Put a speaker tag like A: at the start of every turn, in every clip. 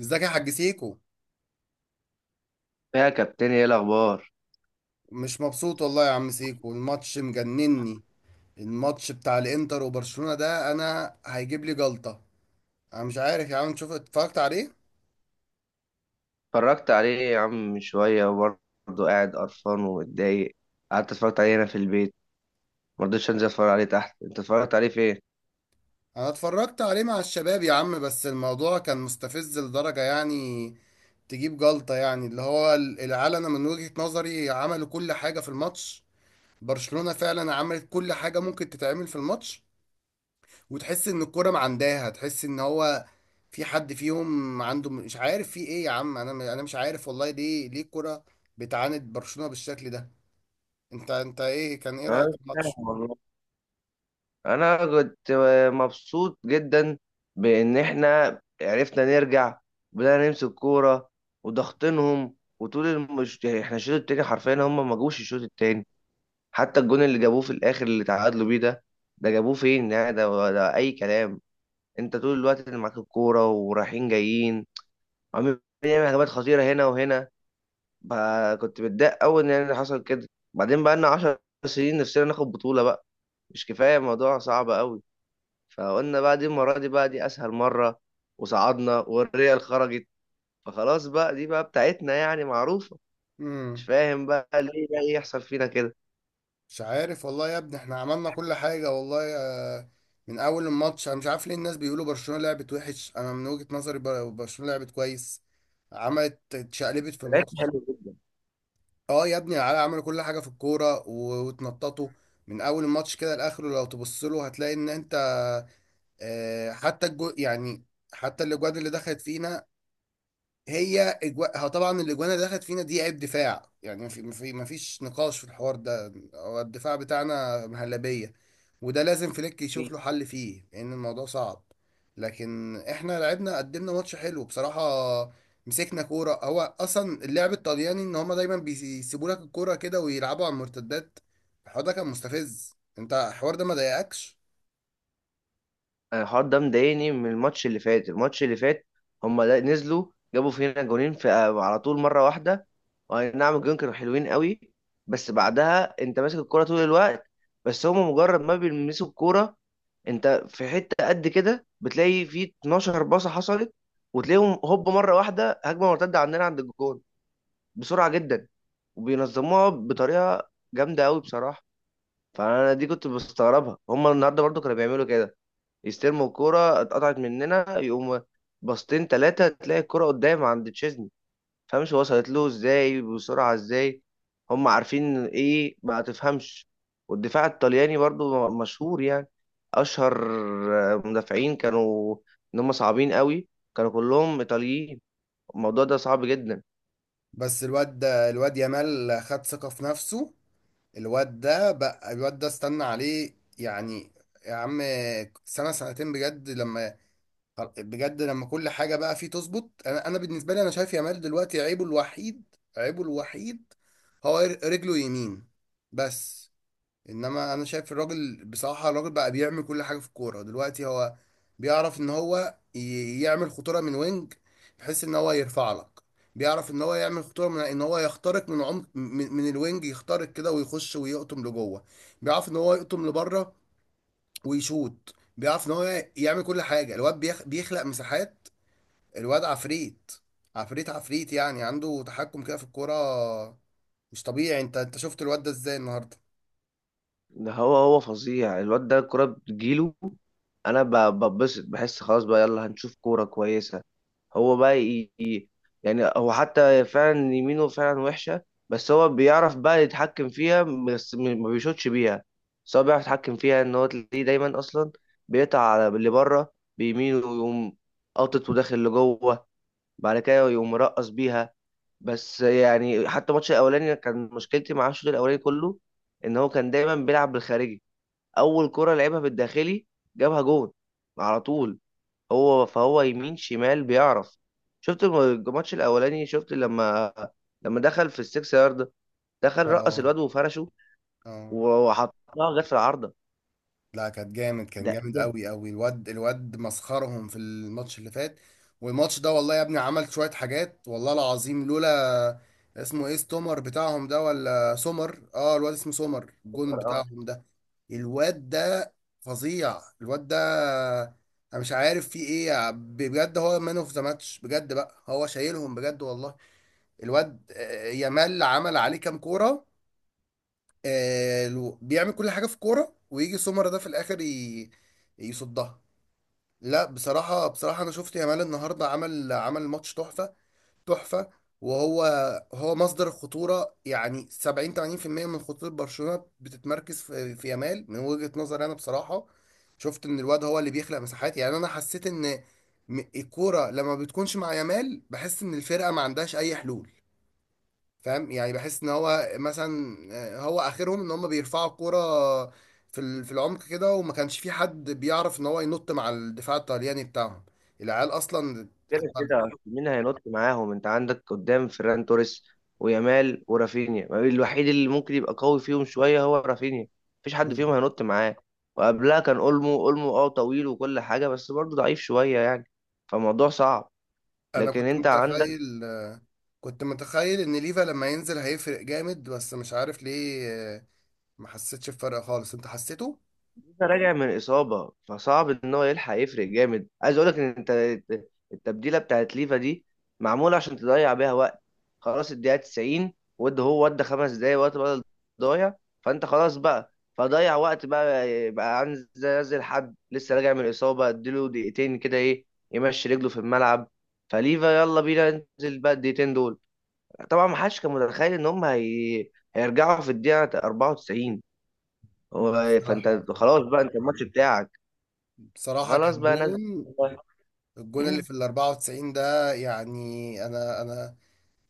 A: ازيك يا حاج سيكو؟
B: يا كابتن، ايه الاخبار؟
A: مش مبسوط والله يا عم سيكو، الماتش مجنني. الماتش بتاع الانتر وبرشلونة ده انا هيجيب لي جلطة. انا مش عارف يا عم، تشوف اتفرجت عليه؟
B: اتفرجت عليه يا عم من شويه وبرضه قاعد قرفان ومتضايق. قعدت اتفرجت عليه هنا في البيت، ما رضيتش انزل اتفرج عليه تحت. انت اتفرجت عليه فين؟
A: انا اتفرجت عليه مع الشباب يا عم، بس الموضوع كان مستفز لدرجة يعني تجيب جلطة. يعني اللي هو العيال انا من وجهة نظري عملوا كل حاجة في الماتش. برشلونة فعلا عملت كل حاجة ممكن تتعمل في الماتش، وتحس ان الكوره معنداها، تحس ان هو في حد فيهم عنده، مش عارف في ايه يا عم. انا مش عارف والله ليه، ليه الكوره بتعاند برشلونه بالشكل ده. انت ايه، كان ايه
B: انا
A: رايك
B: مش
A: في الماتش؟
B: فاهم والله. انا كنت مبسوط جدا بان احنا عرفنا نرجع وبدأنا نمسك كوره وضغطنهم وطول احنا الشوط التاني حرفيا هم ما جوش الشوط التاني. حتى الجون اللي جابوه في الاخر اللي تعادلوا بيه ده، ده جابوه فين يعني؟ ده اي كلام. انت طول الوقت اللي معاك الكوره ورايحين جايين عمال بنعمل هجمات خطيره هنا وهنا. بقى كنت متضايق قوي ان اللي حصل كده. بعدين بقى لنا 10 سنين نفسنا ناخد بطوله بقى، مش كفايه الموضوع صعب قوي؟ فقلنا بقى دي المره، دي بقى دي اسهل مره، وصعدنا والريال خرجت، فخلاص بقى دي بقى بتاعتنا يعني معروفه. مش
A: امم
B: فاهم بقى ليه بقى يحصل فينا كده.
A: مش عارف والله يا ابني، احنا عملنا كل حاجه والله. من اول الماتش انا مش عارف ليه الناس بيقولوا برشلونه لعبت وحش. انا من وجهه نظري برشلونه لعبت كويس، عملت، اتشقلبت في
B: لعبت
A: الماتش.
B: حلو جدا.
A: اه يا ابني، العيال عملوا كل حاجه في الكوره واتنططوا. من اول الماتش كده لاخره لو تبص له هتلاقي ان انت، حتى الجو يعني، حتى الاجواد اللي دخلت فينا، هو طبعا الاجوان اللي دخلت فينا دي عيب دفاع يعني، ما فيش نقاش في الحوار ده، هو الدفاع بتاعنا مهلبيه. وده لازم فليك يشوف له حل فيه، لان الموضوع صعب. لكن احنا لعبنا، قدمنا ماتش حلو بصراحه. مسكنا كوره. هو اصلا اللعب الطلياني ان هما دايما بيسيبوا لك الكوره كده ويلعبوا على المرتدات. الحوار ده كان مستفز، انت الحوار ده ما ضايقكش؟
B: الحوار ده مضايقني من الماتش اللي فات. الماتش اللي فات هم نزلوا، جابوا فينا جونين في على طول مرة واحدة. واي نعم الجون كانوا حلوين قوي، بس بعدها انت ماسك الكرة طول الوقت، بس هم مجرد ما بيلمسوا الكرة انت في حتة قد كده بتلاقي في 12 باصة حصلت، وتلاقيهم هوب مرة واحدة هجمة مرتدة عندنا عند الجون، بسرعة جدا. وبينظموها بطريقة جامدة قوي بصراحة. فانا دي كنت بستغربها، هم النهارده برضو كانوا بيعملوا كده، يستلموا الكوره اتقطعت مننا، يقوم باصتين ثلاثه تلاقي الكوره قدام عند تشيزني. فمش وصلت له ازاي بسرعه؟ ازاي هم عارفين؟ ايه ما تفهمش. والدفاع الطلياني برضو مشهور، يعني اشهر مدافعين كانوا ان هم صعبين قوي، كانوا كلهم ايطاليين. الموضوع ده صعب جدا.
A: بس الواد يامال خد ثقه في نفسه. الواد ده بقى، الواد ده استنى عليه يعني، يا عم سنة سنتين بجد لما، بجد لما كل حاجة بقى فيه تظبط. انا بالنسبة لي انا شايف يامال دلوقتي عيبه الوحيد، عيبه الوحيد هو رجله يمين بس. انما انا شايف الراجل بصراحه، الراجل بقى بيعمل كل حاجه في الكوره دلوقتي. هو بيعرف ان هو يعمل خطوره من وينج، بحيث ان هو يرفع لك. بيعرف ان هو يعمل خطوره من ان هو يخترق من عمق، من الوينج، يخترق كده ويخش ويقطم لجوه. بيعرف ان هو يقطم لبره ويشوط. بيعرف ان هو يعمل كل حاجه. الواد بيخلق مساحات. الواد عفريت، عفريت يعني. عنده تحكم كده في الكوره مش طبيعي. انت شفت الواد ده ازاي النهارده؟
B: ده هو فظيع الواد ده، الكرة بتجيله. انا ببسط بحس خلاص بقى يلا هنشوف كوره كويسه. هو بقى يعني هو حتى فعلا يمينه فعلا وحشه، بس هو بيعرف بقى يتحكم فيها، بس ما بيشوطش بيها، بس هو بيعرف يتحكم فيها. ان هو تلاقيه دايما اصلا بيقطع على اللي بره بيمينه، ويقوم قاطط وداخل لجوه، بعد كده يقوم مرقص بيها. بس يعني حتى الماتش الاولاني كان مشكلتي مع الشوط الاولاني كله ان هو كان دايما بيلعب بالخارجي. اول كرة لعبها بالداخلي جابها جون على طول. هو فهو يمين شمال بيعرف. شفت الماتش الاولاني؟ شفت لما لما دخل في السكس يارد، دخل رقص
A: اه،
B: الواد وفرشه
A: اه،
B: وحطها جت في العارضة؟
A: لا كان جامد، كان جامد قوي قوي. الواد مسخرهم في الماتش اللي فات. والماتش ده والله يا ابني عمل شوية حاجات، والله العظيم لولا، اسمه ايه ستومر بتاعهم ده ولا سومر، اه الواد اسمه سومر، الجون
B: ده
A: بتاعهم ده، الواد ده فظيع الواد ده. انا مش عارف فيه ايه بجد، هو مان اوف ذا ماتش بجد بقى، هو شايلهم بجد والله. الواد يامال عمل عليه كام كورة. بيعمل كل حاجه في كوره، ويجي سمر ده في الاخر يصدها. لا بصراحه، بصراحه انا شفت يامال النهارده عمل ماتش تحفه، تحفه. وهو، هو مصدر الخطوره، يعني 70 80% من خطوره برشلونه بتتمركز في يامال، من وجهه نظري انا بصراحه. شفت ان الواد هو اللي بيخلق مساحات يعني. انا حسيت ان الكوره لما بتكونش مع يامال بحس ان الفرقه ما عندهاش اي حلول، فاهم يعني. بحس ان هو مثلا هو اخرهم ان هم بيرفعوا الكوره في في العمق كده، وما كانش في حد بيعرف ان هو ينط مع الدفاع الطلياني بتاعهم. العيال اصلا
B: كده
A: الطل-
B: كده أصل مين هينط معاهم؟ انت عندك قدام فيران توريس ويامال ورافينيا، ما الوحيد اللي ممكن يبقى قوي فيهم شويه هو رافينيا، مفيش حد فيهم هينط معاه. وقبلها كان اولمو اه طويل وكل حاجه بس برضه ضعيف شويه يعني. فالموضوع صعب،
A: انا
B: لكن
A: كنت
B: انت عندك
A: متخيل، كنت متخيل ان ليفا لما ينزل هيفرق جامد، بس مش عارف ليه ما حسيتش بفرق خالص. انت حسيته؟
B: راجع من إصابة، فصعب إن هو يلحق يفرق جامد. عايز أقولك إن أنت التبديلة بتاعت ليفا دي معمولة عشان تضيع بيها وقت، خلاص الدقيقة 90 ود هو ودى 5 دقايق وقت بدل ضايع، فأنت خلاص بقى فضيع وقت بقى، بقى عايز ينزل حد لسه راجع من الإصابة، أديله دقيقتين كده إيه يمشي رجله في الملعب؟ فليفا يلا بينا ننزل بقى الدقيقتين دول. طبعا ما حدش كان متخيل إن هم هيرجعوا في الدقيقة 94.
A: ده
B: فأنت
A: بصراحة،
B: خلاص بقى أنت الماتش بتاعك
A: بصراحة
B: خلاص
A: كان
B: بقى ناس كتير
A: جون.
B: بقى.
A: الجون اللي
B: مم.
A: في ال 94 ده يعني، انا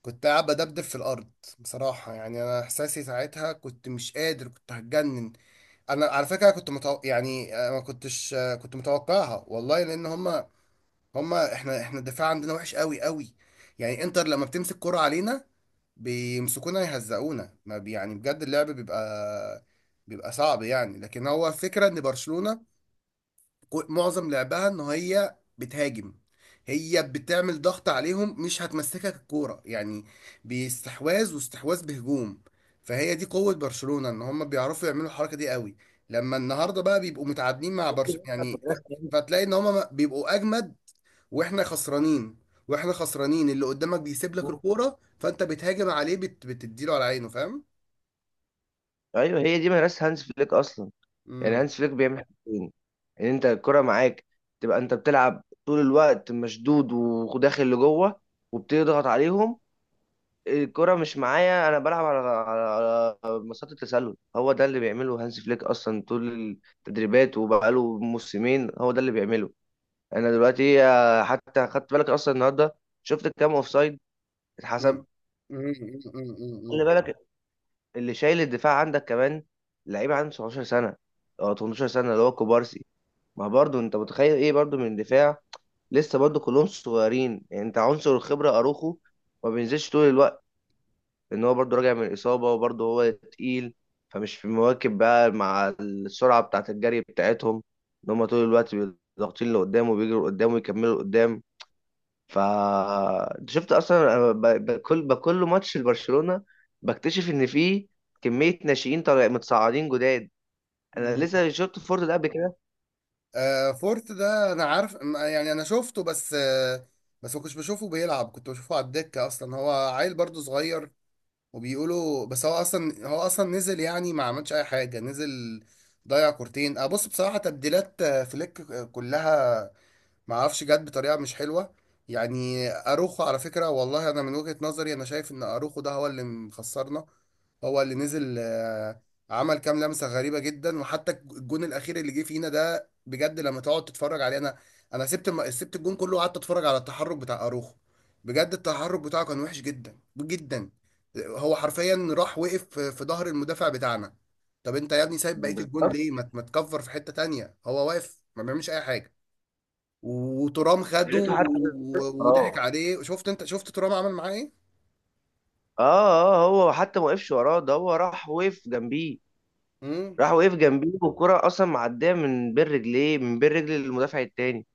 A: كنت قاعد بدبدب في الارض بصراحه يعني. انا احساسي ساعتها كنت مش قادر، كنت هتجنن. انا على فكره يعني آه، ما كنتش آه، كنت متوقعها والله، لان هما احنا الدفاع عندنا وحش قوي قوي. يعني انتر لما بتمسك كرة علينا بيمسكونا يهزقونا، ما بي... يعني بجد اللعب بيبقى، بيبقى صعب يعني. لكن هو فكره ان برشلونه معظم لعبها ان هي بتهاجم، هي بتعمل ضغط عليهم، مش هتمسكك الكوره يعني، باستحواذ واستحواذ بهجوم. فهي دي قوه برشلونه، ان هم بيعرفوا يعملوا الحركه دي قوي. لما النهارده بقى بيبقوا متعادلين مع
B: دي
A: برشلونه
B: مثلا
A: يعني
B: مدرسة هانز
A: فتلاقي ان هم بيبقوا اجمد واحنا خسرانين. واحنا خسرانين، اللي قدامك بيسيب لك
B: فليك.
A: الكوره فانت بتهاجم عليه، بتديله على عينه فاهم.
B: ايوه هي دي مدرسة هانز فليك اصلا. يعني
A: امم
B: هانز فليك بيعمل حاجتين: ان انت الكرة معاك تبقى انت بتلعب طول الوقت مشدود وداخل لجوه وبتضغط عليهم، الكرة مش معايا انا بلعب على على مسات التسلل. هو ده اللي بيعمله هانز فليك اصلا طول التدريبات، وبقاله موسمين هو ده اللي بيعمله. انا دلوقتي حتى خدت بالك اصلا النهارده شفت كام اوفسايد اتحسب؟
A: امم امم امم.
B: خلي
A: امم.
B: بالك اللي شايل الدفاع عندك كمان لعيب عنده 17 سنه او 18 سنه اللي هو كوبارسي. ما برضه انت متخيل ايه برضه من الدفاع؟ لسه برضه كلهم صغيرين يعني. انت عنصر الخبره اروخو ما بينزلش طول الوقت، ان هو برضه راجع من اصابه وبرضه هو تقيل، فمش في مواكب بقى مع السرعه بتاعه الجري بتاعتهم، ان هم طول الوقت ضاغطين لقدام وبيجروا قدام ويكملوا قدام. ف أنت شفت اصلا، أنا بكل ماتش لبرشلونه بكتشف ان في كميه ناشئين طالع متصاعدين جداد. انا
A: امم.
B: لسه شفت فورد ده قبل كده.
A: آه فورت ده انا عارف، يعني انا شفته بس آه، بس ما كنتش بشوفه بيلعب، كنت بشوفه على الدكة اصلا. هو عيل برضه صغير وبيقولوا، بس هو اصلا نزل يعني، ما عملش اي حاجة، نزل ضيع كورتين آه. بص بصراحة تبديلات فليك كلها ما اعرفش جت بطريقه مش حلوه يعني. اروخو على فكره والله، انا من وجهه نظري انا شايف ان اروخو ده هو اللي مخسرنا. هو اللي نزل عمل كام لمسه غريبه جدا. وحتى الجون الاخير اللي جه فينا ده بجد لما تقعد تتفرج عليه، انا سبت الجون كله وقعدت اتفرج على التحرك بتاع اروخو. بجد التحرك بتاعه كان وحش جدا جدا. هو حرفيا راح وقف في ظهر المدافع بتاعنا. طب انت يا ابني سايب بقيه الجون
B: بالظبط.
A: ليه؟ ما تكفر في حته تانية، هو واقف ما بيعملش اي حاجه. وترام
B: يا
A: خده
B: ريته حتى
A: وضحك
B: وراه.
A: عليه. شفت انت، شفت ترام عمل معاه ايه؟
B: اه. اه هو حتى ما وقفش وراه، ده هو راح وقف جنبيه.
A: امم.
B: راح وقف جنبيه، والكرة اصلا معديه من بين رجليه، من بين رجل المدافع التاني.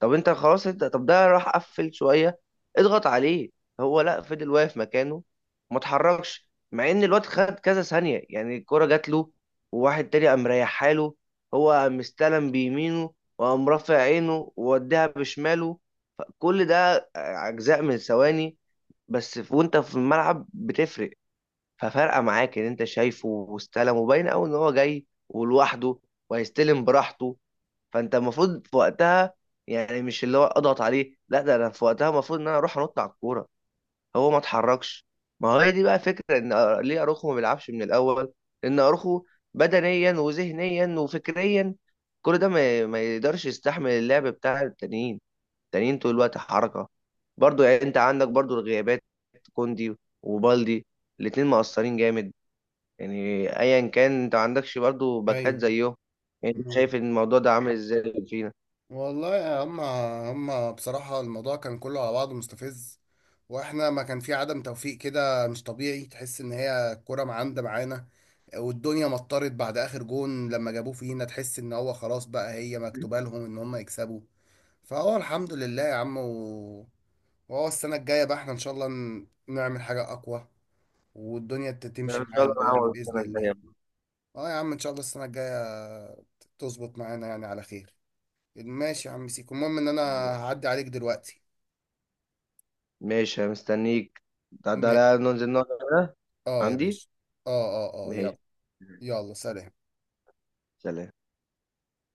B: طب انت خلاص، انت طب ده راح قفل شويه اضغط عليه. هو لا فضل واقف مكانه، ما اتحركش، مع ان الواد خد كذا ثانيه يعني، الكره جات له وواحد تاني قام ريحها له، هو قام استلم بيمينه وقام رافع عينه ووديها بشماله. فكل ده اجزاء من ثواني، بس وانت في الملعب بتفرق، ففرقه معاك ان انت شايفه واستلم وباين قوي ان هو جاي ولوحده وهيستلم براحته، فانت المفروض في وقتها، يعني مش اللي هو اضغط عليه لا، ده انا في وقتها المفروض ان انا اروح انط على الكوره، هو ما اتحركش. ما هو هي دي بقى فكره ان ليه اروخو ما بيلعبش من الاول؟ لان اروخو بدنيا وذهنيا وفكريا كل ده ما يقدرش يستحمل اللعب بتاع التانيين، التانيين طول الوقت حركه. برضو يعني انت عندك برضو الغيابات، كوندي وبالدي الاتنين مقصرين جامد، يعني ايا كان انت ما عندكش برضو باكات
A: ايوه.
B: زيهم. يعني أنت
A: مم.
B: شايف الموضوع ده عامل ازاي فينا؟
A: والله يا هم بصراحة الموضوع كان كله على بعضه مستفز. واحنا ما كان في عدم توفيق كده مش طبيعي، تحس ان هي الكرة معاندة معانا. والدنيا مطرت بعد اخر جون لما جابوه فينا، تحس ان هو خلاص بقى هي مكتوبة لهم ان هم يكسبوا. فهو الحمد لله يا عم، وهو السنة الجاية بقى احنا ان شاء الله نعمل حاجة اقوى، والدنيا
B: لا،
A: تمشي
B: ان شاء الله
A: معانا
B: انا
A: يعني
B: هقعد
A: بإذن
B: السنه الجايه
A: الله.
B: بإذن
A: اه يا عم، ان شاء الله السنة الجاية تظبط معانا يعني على خير. ماشي يا عم سيكو، المهم ان انا
B: الله.
A: هعدي عليك دلوقتي.
B: ماشي، أنا مستنيك. ده ده
A: ما-
B: لا ننزل نقعد هنا
A: اه يا
B: عندي.
A: باشا. اه، اه، اه
B: ماشي.
A: يلا. يلا سلام.
B: سلام.